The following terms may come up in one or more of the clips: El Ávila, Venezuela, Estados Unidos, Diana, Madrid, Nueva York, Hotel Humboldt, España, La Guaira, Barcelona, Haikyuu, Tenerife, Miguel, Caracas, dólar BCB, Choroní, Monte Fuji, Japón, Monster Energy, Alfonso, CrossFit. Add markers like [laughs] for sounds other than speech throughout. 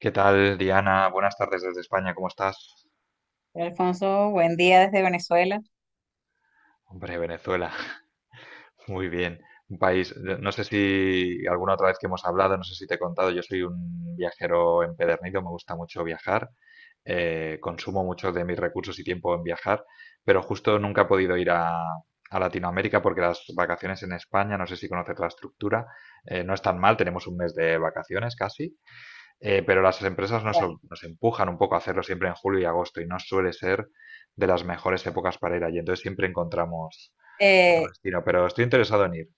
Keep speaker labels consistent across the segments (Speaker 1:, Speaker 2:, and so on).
Speaker 1: ¿Qué tal, Diana? Buenas tardes desde España, ¿cómo estás?
Speaker 2: Alfonso, buen día desde Venezuela.
Speaker 1: Hombre, Venezuela, [laughs] muy bien. Un país, yo no sé si alguna otra vez que hemos hablado, no sé si te he contado, yo soy un viajero empedernido, me gusta mucho viajar, consumo mucho de mis recursos y tiempo en viajar, pero justo nunca he podido ir a Latinoamérica porque las vacaciones en España, no sé si conoces la estructura, no es tan mal, tenemos un mes de vacaciones casi. Pero las empresas
Speaker 2: Vale.
Speaker 1: nos empujan un poco a hacerlo siempre en julio y agosto y no suele ser de las mejores épocas para ir allí. Entonces siempre encontramos otro
Speaker 2: eh,
Speaker 1: destino. Pero estoy interesado en ir.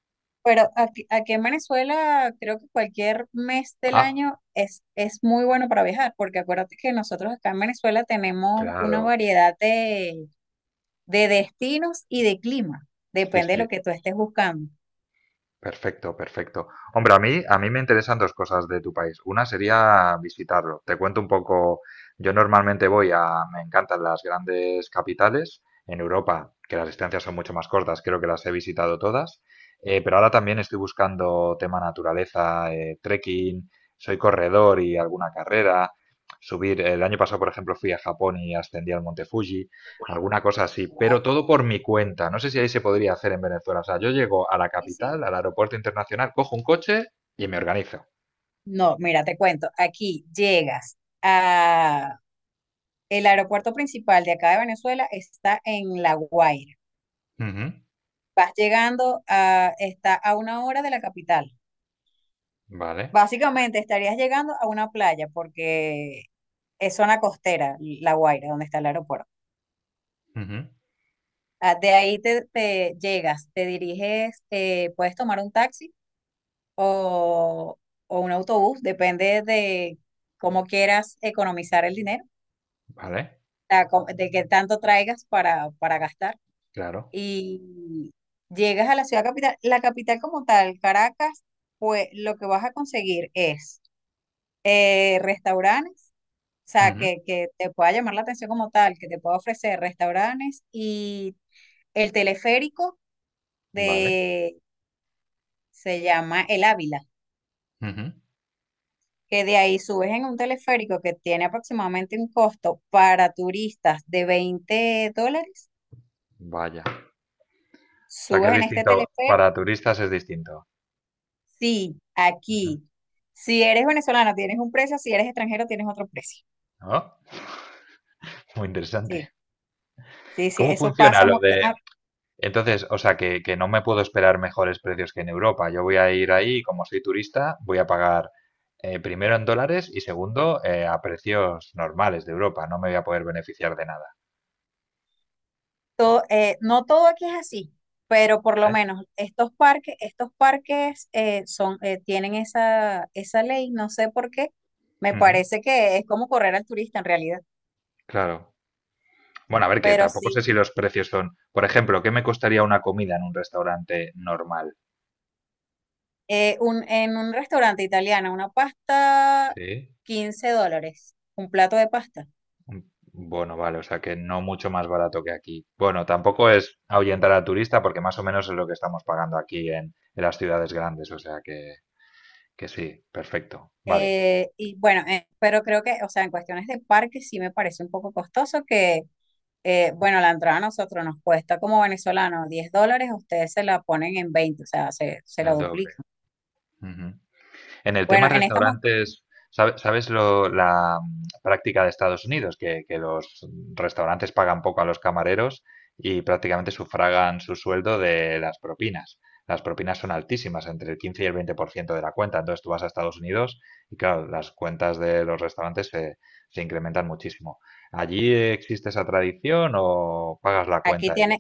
Speaker 2: pero aquí en Venezuela creo que cualquier mes del
Speaker 1: Ah,
Speaker 2: año es muy bueno para viajar, porque acuérdate que nosotros acá en Venezuela tenemos una
Speaker 1: claro.
Speaker 2: variedad de destinos y de clima,
Speaker 1: Sí,
Speaker 2: depende de lo
Speaker 1: sí.
Speaker 2: que tú estés buscando.
Speaker 1: Perfecto, perfecto. Hombre, a mí me interesan dos cosas de tu país. Una sería visitarlo. Te cuento un poco. Yo normalmente me encantan las grandes capitales en Europa, que las distancias son mucho más cortas. Creo que las he visitado todas. Pero ahora también estoy buscando tema naturaleza, trekking. Soy corredor y alguna carrera. Subir. El año pasado, por ejemplo, fui a Japón y ascendí al Monte Fuji. Alguna cosa así,
Speaker 2: No,
Speaker 1: pero todo por mi cuenta. No sé si ahí se podría hacer en Venezuela. O sea, yo llego a la
Speaker 2: sí, sí.
Speaker 1: capital, al aeropuerto internacional, cojo un coche y me organizo.
Speaker 2: No, mira, te cuento, aquí llegas a el aeropuerto principal de acá de Venezuela está en La Guaira.
Speaker 1: Ujú,
Speaker 2: Vas llegando a, está a una hora de la capital.
Speaker 1: vale,
Speaker 2: Básicamente estarías llegando a una playa porque es zona costera, La Guaira, donde está el aeropuerto.
Speaker 1: ujú,
Speaker 2: Ah, de ahí te llegas, te diriges, puedes tomar un taxi o, o un autobús, depende de cómo quieras economizar el dinero,
Speaker 1: vale,
Speaker 2: de qué tanto traigas para gastar.
Speaker 1: claro,
Speaker 2: Y llegas a la ciudad capital, la capital como tal, Caracas, pues lo que vas a conseguir es restaurantes. O sea,
Speaker 1: ujú,
Speaker 2: que te pueda llamar la atención como tal, que te pueda ofrecer restaurantes y el teleférico
Speaker 1: vale,
Speaker 2: de, se llama El Ávila,
Speaker 1: ujú,
Speaker 2: que de ahí subes en un teleférico que tiene aproximadamente un costo para turistas de $20,
Speaker 1: vaya. O sea, que
Speaker 2: subes
Speaker 1: es
Speaker 2: en este
Speaker 1: distinto,
Speaker 2: teleférico,
Speaker 1: para turistas es distinto.
Speaker 2: sí,
Speaker 1: Ujú.
Speaker 2: aquí. Si eres venezolano tienes un precio, si eres extranjero tienes otro precio.
Speaker 1: ¿No? Muy
Speaker 2: Sí,
Speaker 1: interesante.
Speaker 2: sí, sí,
Speaker 1: ¿Cómo
Speaker 2: eso
Speaker 1: funciona
Speaker 2: pasa.
Speaker 1: lo de Entonces, o sea, que no me puedo esperar mejores precios que en Europa. Yo voy a ir ahí, y como soy turista, voy a pagar primero en dólares y segundo a precios normales de Europa. No me voy a poder beneficiar de nada.
Speaker 2: Todo, no todo aquí es así, pero por lo
Speaker 1: ¿Vale?
Speaker 2: menos estos parques son, tienen esa, esa ley, no sé por qué. Me
Speaker 1: Ujú,
Speaker 2: parece que es como correr al turista en realidad.
Speaker 1: claro. Bueno, a ver, que
Speaker 2: Pero
Speaker 1: tampoco
Speaker 2: sí,
Speaker 1: sé si los precios son, por ejemplo, ¿qué me costaría una comida en un restaurante normal?
Speaker 2: en un restaurante italiano, una pasta,
Speaker 1: Sí.
Speaker 2: $15, un plato de pasta.
Speaker 1: Bueno, vale, o sea que no mucho más barato que aquí. Bueno, tampoco es ahuyentar al turista porque más o menos es lo que estamos pagando aquí en las ciudades grandes, o sea que. Que sí, perfecto. Vale.
Speaker 2: Y bueno, pero creo que, o sea, en cuestiones de parques sí me parece un poco costoso que
Speaker 1: Ujú.
Speaker 2: bueno, la entrada a nosotros nos cuesta como venezolanos $10, ustedes se la ponen en veinte, o sea, se la
Speaker 1: El doble.
Speaker 2: duplican.
Speaker 1: Ujú. En el tema
Speaker 2: Bueno, en esta,
Speaker 1: restaurantes, ¿sabes la práctica de Estados Unidos? Que los restaurantes pagan poco a los camareros y prácticamente sufragan su sueldo de las propinas. Las propinas son altísimas, entre el 15 y el 20% de la cuenta. Entonces tú vas a Estados Unidos y claro, las cuentas de los restaurantes se incrementan muchísimo. ¿Allí existe esa tradición o pagas la
Speaker 2: aquí
Speaker 1: cuenta ella?
Speaker 2: tienes,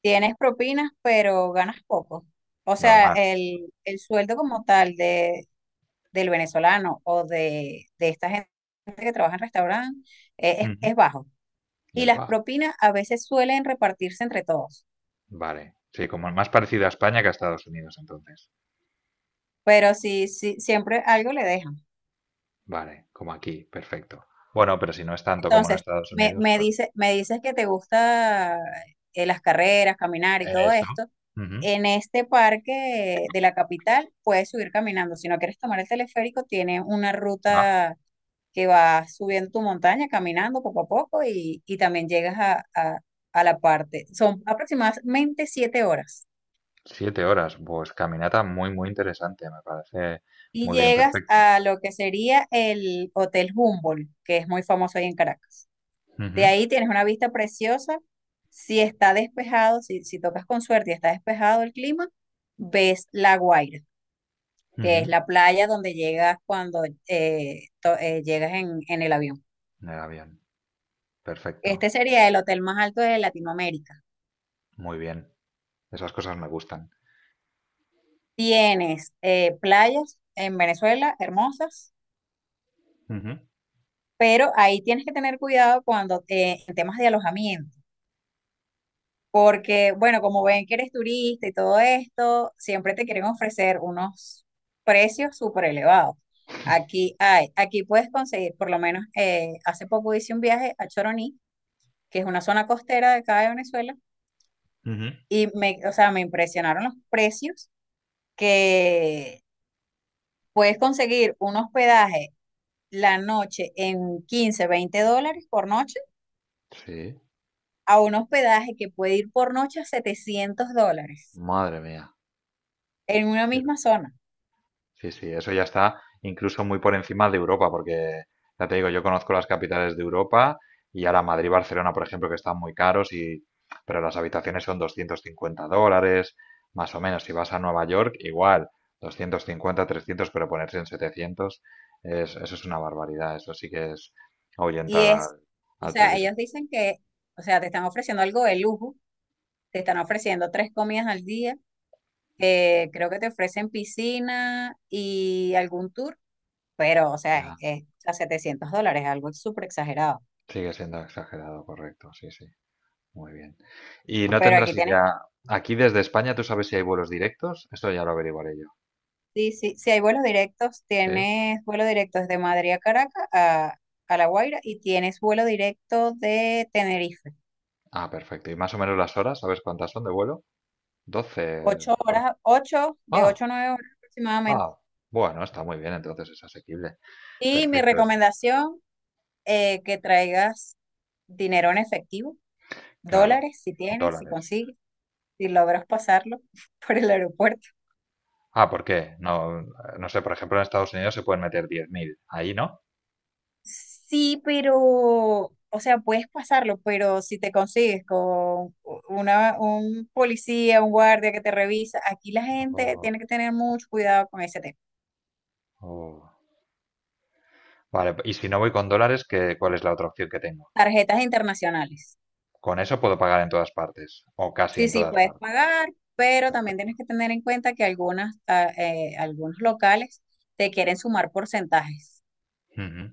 Speaker 2: tienes propinas, pero ganas poco. O sea,
Speaker 1: Normal.
Speaker 2: el sueldo como tal de, del venezolano o de esta gente que trabaja en restaurantes
Speaker 1: Ujú.
Speaker 2: es bajo. Y
Speaker 1: Es
Speaker 2: las
Speaker 1: baja.
Speaker 2: propinas a veces suelen repartirse entre todos,
Speaker 1: Vale, sí, como más parecido a España que a Estados Unidos, entonces.
Speaker 2: pero sí, sí, siempre algo le dejan.
Speaker 1: Vale, como aquí, perfecto. Bueno, pero si no es tanto como en
Speaker 2: Entonces,
Speaker 1: Estados Unidos, pues
Speaker 2: me dices que te gusta las carreras, caminar y todo
Speaker 1: eso.
Speaker 2: esto.
Speaker 1: Ujú.
Speaker 2: En este parque de la capital puedes subir caminando. Si no quieres tomar el teleférico, tiene una
Speaker 1: Ah,
Speaker 2: ruta que va subiendo tu montaña, caminando poco a poco y también llegas a, a la parte. Son aproximadamente 7 horas.
Speaker 1: 7 horas, pues caminata muy, muy interesante, me parece
Speaker 2: Y
Speaker 1: muy bien,
Speaker 2: llegas
Speaker 1: perfecto.
Speaker 2: a lo que sería el Hotel Humboldt, que es muy famoso ahí en Caracas. De
Speaker 1: Ujú,
Speaker 2: ahí tienes una vista preciosa. Si está despejado, si tocas con suerte y está despejado el clima, ves La Guaira, que es
Speaker 1: ujú.
Speaker 2: la playa donde llegas cuando llegas en el avión.
Speaker 1: En el avión, perfecto,
Speaker 2: Este sería el hotel más alto de Latinoamérica.
Speaker 1: muy bien. Esas cosas me gustan.
Speaker 2: Tienes playas en Venezuela hermosas,
Speaker 1: Ujú,
Speaker 2: pero ahí tienes que tener cuidado cuando en temas de alojamiento porque, bueno, como ven que eres turista y todo esto, siempre te quieren ofrecer unos precios súper elevados. Aquí puedes conseguir, por lo menos hace poco hice un viaje a Choroní, que es una zona costera de acá de Venezuela,
Speaker 1: ujú.
Speaker 2: y me, o sea, me impresionaron los precios que puedes conseguir un hospedaje la noche en $15 $20 por noche,
Speaker 1: Sí,
Speaker 2: a un hospedaje que puede ir por noche a $700
Speaker 1: madre mía.
Speaker 2: en una misma zona.
Speaker 1: Sí, sí, eso ya está incluso muy por encima de Europa, porque ya te digo, yo conozco las capitales de Europa y ahora Madrid, y Barcelona, por ejemplo, que están muy caros, y, pero las habitaciones son $250, más o menos. Si vas a Nueva York, igual, 250, 300, pero ponerse en 700, eso es una barbaridad. Eso sí que es
Speaker 2: Y
Speaker 1: ahuyentar
Speaker 2: es, o
Speaker 1: al
Speaker 2: sea,
Speaker 1: turismo.
Speaker 2: ellos dicen que, o sea, te están ofreciendo algo de lujo, te están ofreciendo tres comidas al día, creo que te ofrecen piscina y algún tour, pero, o sea,
Speaker 1: Ya,
Speaker 2: es a $700, algo súper exagerado.
Speaker 1: sigue siendo exagerado, correcto, sí, sí. Muy bien. Y no
Speaker 2: Pero
Speaker 1: tendrás
Speaker 2: aquí tienes,
Speaker 1: idea. Aquí desde España, ¿tú sabes si hay vuelos directos? Esto ya lo averiguaré yo.
Speaker 2: sí, sí, sí hay vuelos directos,
Speaker 1: ¿Sí?
Speaker 2: tienes vuelo directo desde Madrid a Caracas a La Guaira y tienes vuelo directo de Tenerife.
Speaker 1: Ah, perfecto. ¿Y más o menos las horas? ¿Sabes cuántas son de vuelo? 12.
Speaker 2: Ocho
Speaker 1: por-
Speaker 2: horas, ocho, de
Speaker 1: Ah,
Speaker 2: 8 a 9 horas aproximadamente.
Speaker 1: ah. Bueno, está muy bien, entonces es asequible.
Speaker 2: Y mi
Speaker 1: Perfecto, es
Speaker 2: recomendación que traigas dinero en efectivo,
Speaker 1: claro.
Speaker 2: dólares, si tienes, si
Speaker 1: Dólares.
Speaker 2: consigues, si logras pasarlo [laughs] por el aeropuerto.
Speaker 1: Ah, ¿por qué? No, no sé, por ejemplo, en Estados Unidos se pueden meter 10.000 ahí, ¿no?
Speaker 2: Sí, pero, o sea, puedes pasarlo, pero si te consigues con una, un policía, un guardia que te revisa, aquí la gente
Speaker 1: Oh,
Speaker 2: tiene que tener mucho cuidado con ese tema.
Speaker 1: oh. Vale, y si no voy con dólares, ¿cuál es la otra opción que tengo?
Speaker 2: Tarjetas internacionales.
Speaker 1: Con eso puedo pagar en todas partes, o casi
Speaker 2: Sí,
Speaker 1: en
Speaker 2: sí,
Speaker 1: todas
Speaker 2: puedes
Speaker 1: partes.
Speaker 2: pagar, pero también
Speaker 1: Perfecto.
Speaker 2: tienes que tener en cuenta que algunas, algunos locales te quieren sumar porcentajes.
Speaker 1: Ujú.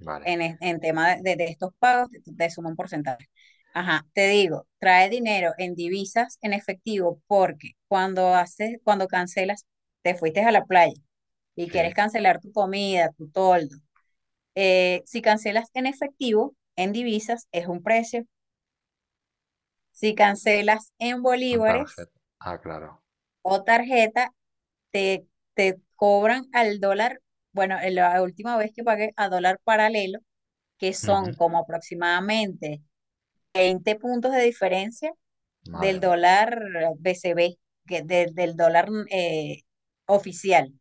Speaker 1: Vale.
Speaker 2: En tema de estos pagos, te suma un porcentaje. Ajá, te digo, trae dinero en divisas en efectivo porque cuando haces, cuando cancelas, te fuiste a la playa y quieres
Speaker 1: Sí,
Speaker 2: cancelar tu comida, tu toldo. Si cancelas en efectivo, en divisas, es un precio. Si cancelas en
Speaker 1: con
Speaker 2: bolívares
Speaker 1: tarjeta. Ah, claro.
Speaker 2: o tarjeta, te, te cobran al dólar. Bueno, en la última vez que pagué a dólar paralelo, que
Speaker 1: Ujú.
Speaker 2: son como aproximadamente 20 puntos de diferencia
Speaker 1: Madre
Speaker 2: del
Speaker 1: mía.
Speaker 2: dólar BCB, que del dólar oficial.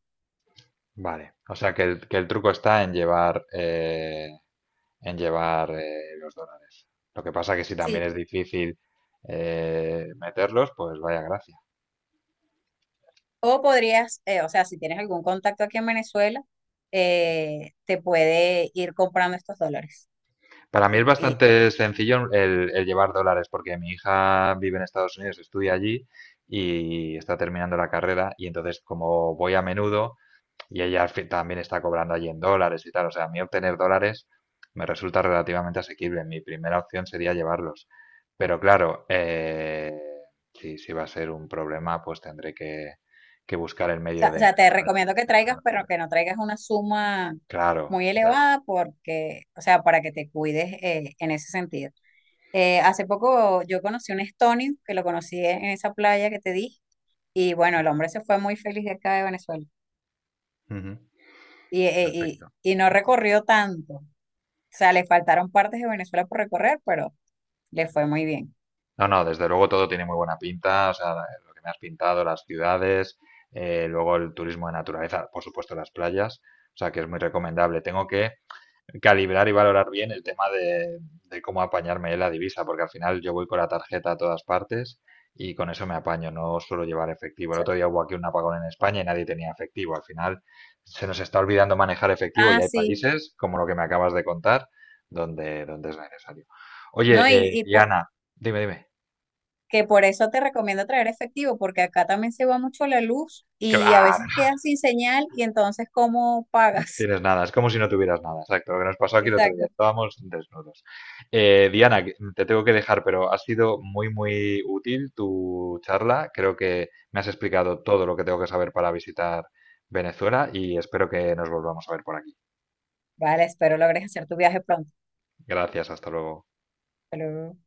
Speaker 1: Vale. O sea que que el truco está en llevar, los dólares. Lo que pasa que si también
Speaker 2: Sí.
Speaker 1: es difícil meterlos, pues vaya gracia.
Speaker 2: O podrías, o sea, si tienes algún contacto aquí en Venezuela, te puede ir comprando estos dólares.
Speaker 1: Para mí es
Speaker 2: Y, y-
Speaker 1: bastante sencillo el llevar dólares porque mi hija vive en Estados Unidos, estudia allí y está terminando la carrera y entonces como voy a menudo, y ella al fin también está cobrando allí en dólares y tal. O sea, a mí obtener dólares me resulta relativamente asequible. Mi primera opción sería llevarlos. Pero claro, si va a ser un problema, pues tendré que buscar el
Speaker 2: o
Speaker 1: medio
Speaker 2: sea, o
Speaker 1: de
Speaker 2: sea, te
Speaker 1: encontrar allí
Speaker 2: recomiendo que traigas,
Speaker 1: mercados
Speaker 2: pero
Speaker 1: negros.
Speaker 2: que no traigas una suma
Speaker 1: Claro,
Speaker 2: muy
Speaker 1: ya, ya.
Speaker 2: elevada porque, o sea, para que te cuides en ese sentido. Hace poco yo conocí un estonio que lo conocí en esa playa que te dije. Y bueno, el hombre se fue muy feliz de acá de Venezuela
Speaker 1: Ujú.
Speaker 2: y, eh,
Speaker 1: Perfecto.
Speaker 2: y no recorrió tanto. O sea, le faltaron partes de Venezuela por recorrer, pero le fue muy bien.
Speaker 1: No, no, desde luego todo tiene muy buena pinta, o sea, lo que me has pintado, las ciudades, luego el turismo de naturaleza, por supuesto las playas, o sea que es muy recomendable. Tengo que calibrar y valorar bien el tema de cómo apañarme la divisa, porque al final yo voy con la tarjeta a todas partes y con eso me apaño, no suelo llevar efectivo. El otro día hubo aquí un apagón en España y nadie tenía efectivo. Al final se nos está olvidando manejar efectivo y
Speaker 2: Ah,
Speaker 1: hay
Speaker 2: sí.
Speaker 1: países, como lo que me acabas de contar, donde es necesario.
Speaker 2: No,
Speaker 1: Oye,
Speaker 2: y po-
Speaker 1: Diana, dime, dime.
Speaker 2: Que por eso te recomiendo traer efectivo, porque acá también se va mucho la luz
Speaker 1: Que
Speaker 2: y
Speaker 1: va,
Speaker 2: a veces quedas sin señal y entonces, ¿cómo pagas?
Speaker 1: tienes nada, es como si no tuvieras nada, exacto. Lo que nos pasó
Speaker 2: [laughs]
Speaker 1: aquí el otro día,
Speaker 2: Exacto.
Speaker 1: estábamos desnudos. Diana, te tengo que dejar, pero ha sido muy, muy útil tu charla. Creo que me has explicado todo lo que tengo que saber para visitar Venezuela y espero que nos volvamos a ver por aquí.
Speaker 2: Vale, espero logres hacer tu viaje pronto.
Speaker 1: Gracias, hasta luego.
Speaker 2: Hasta luego.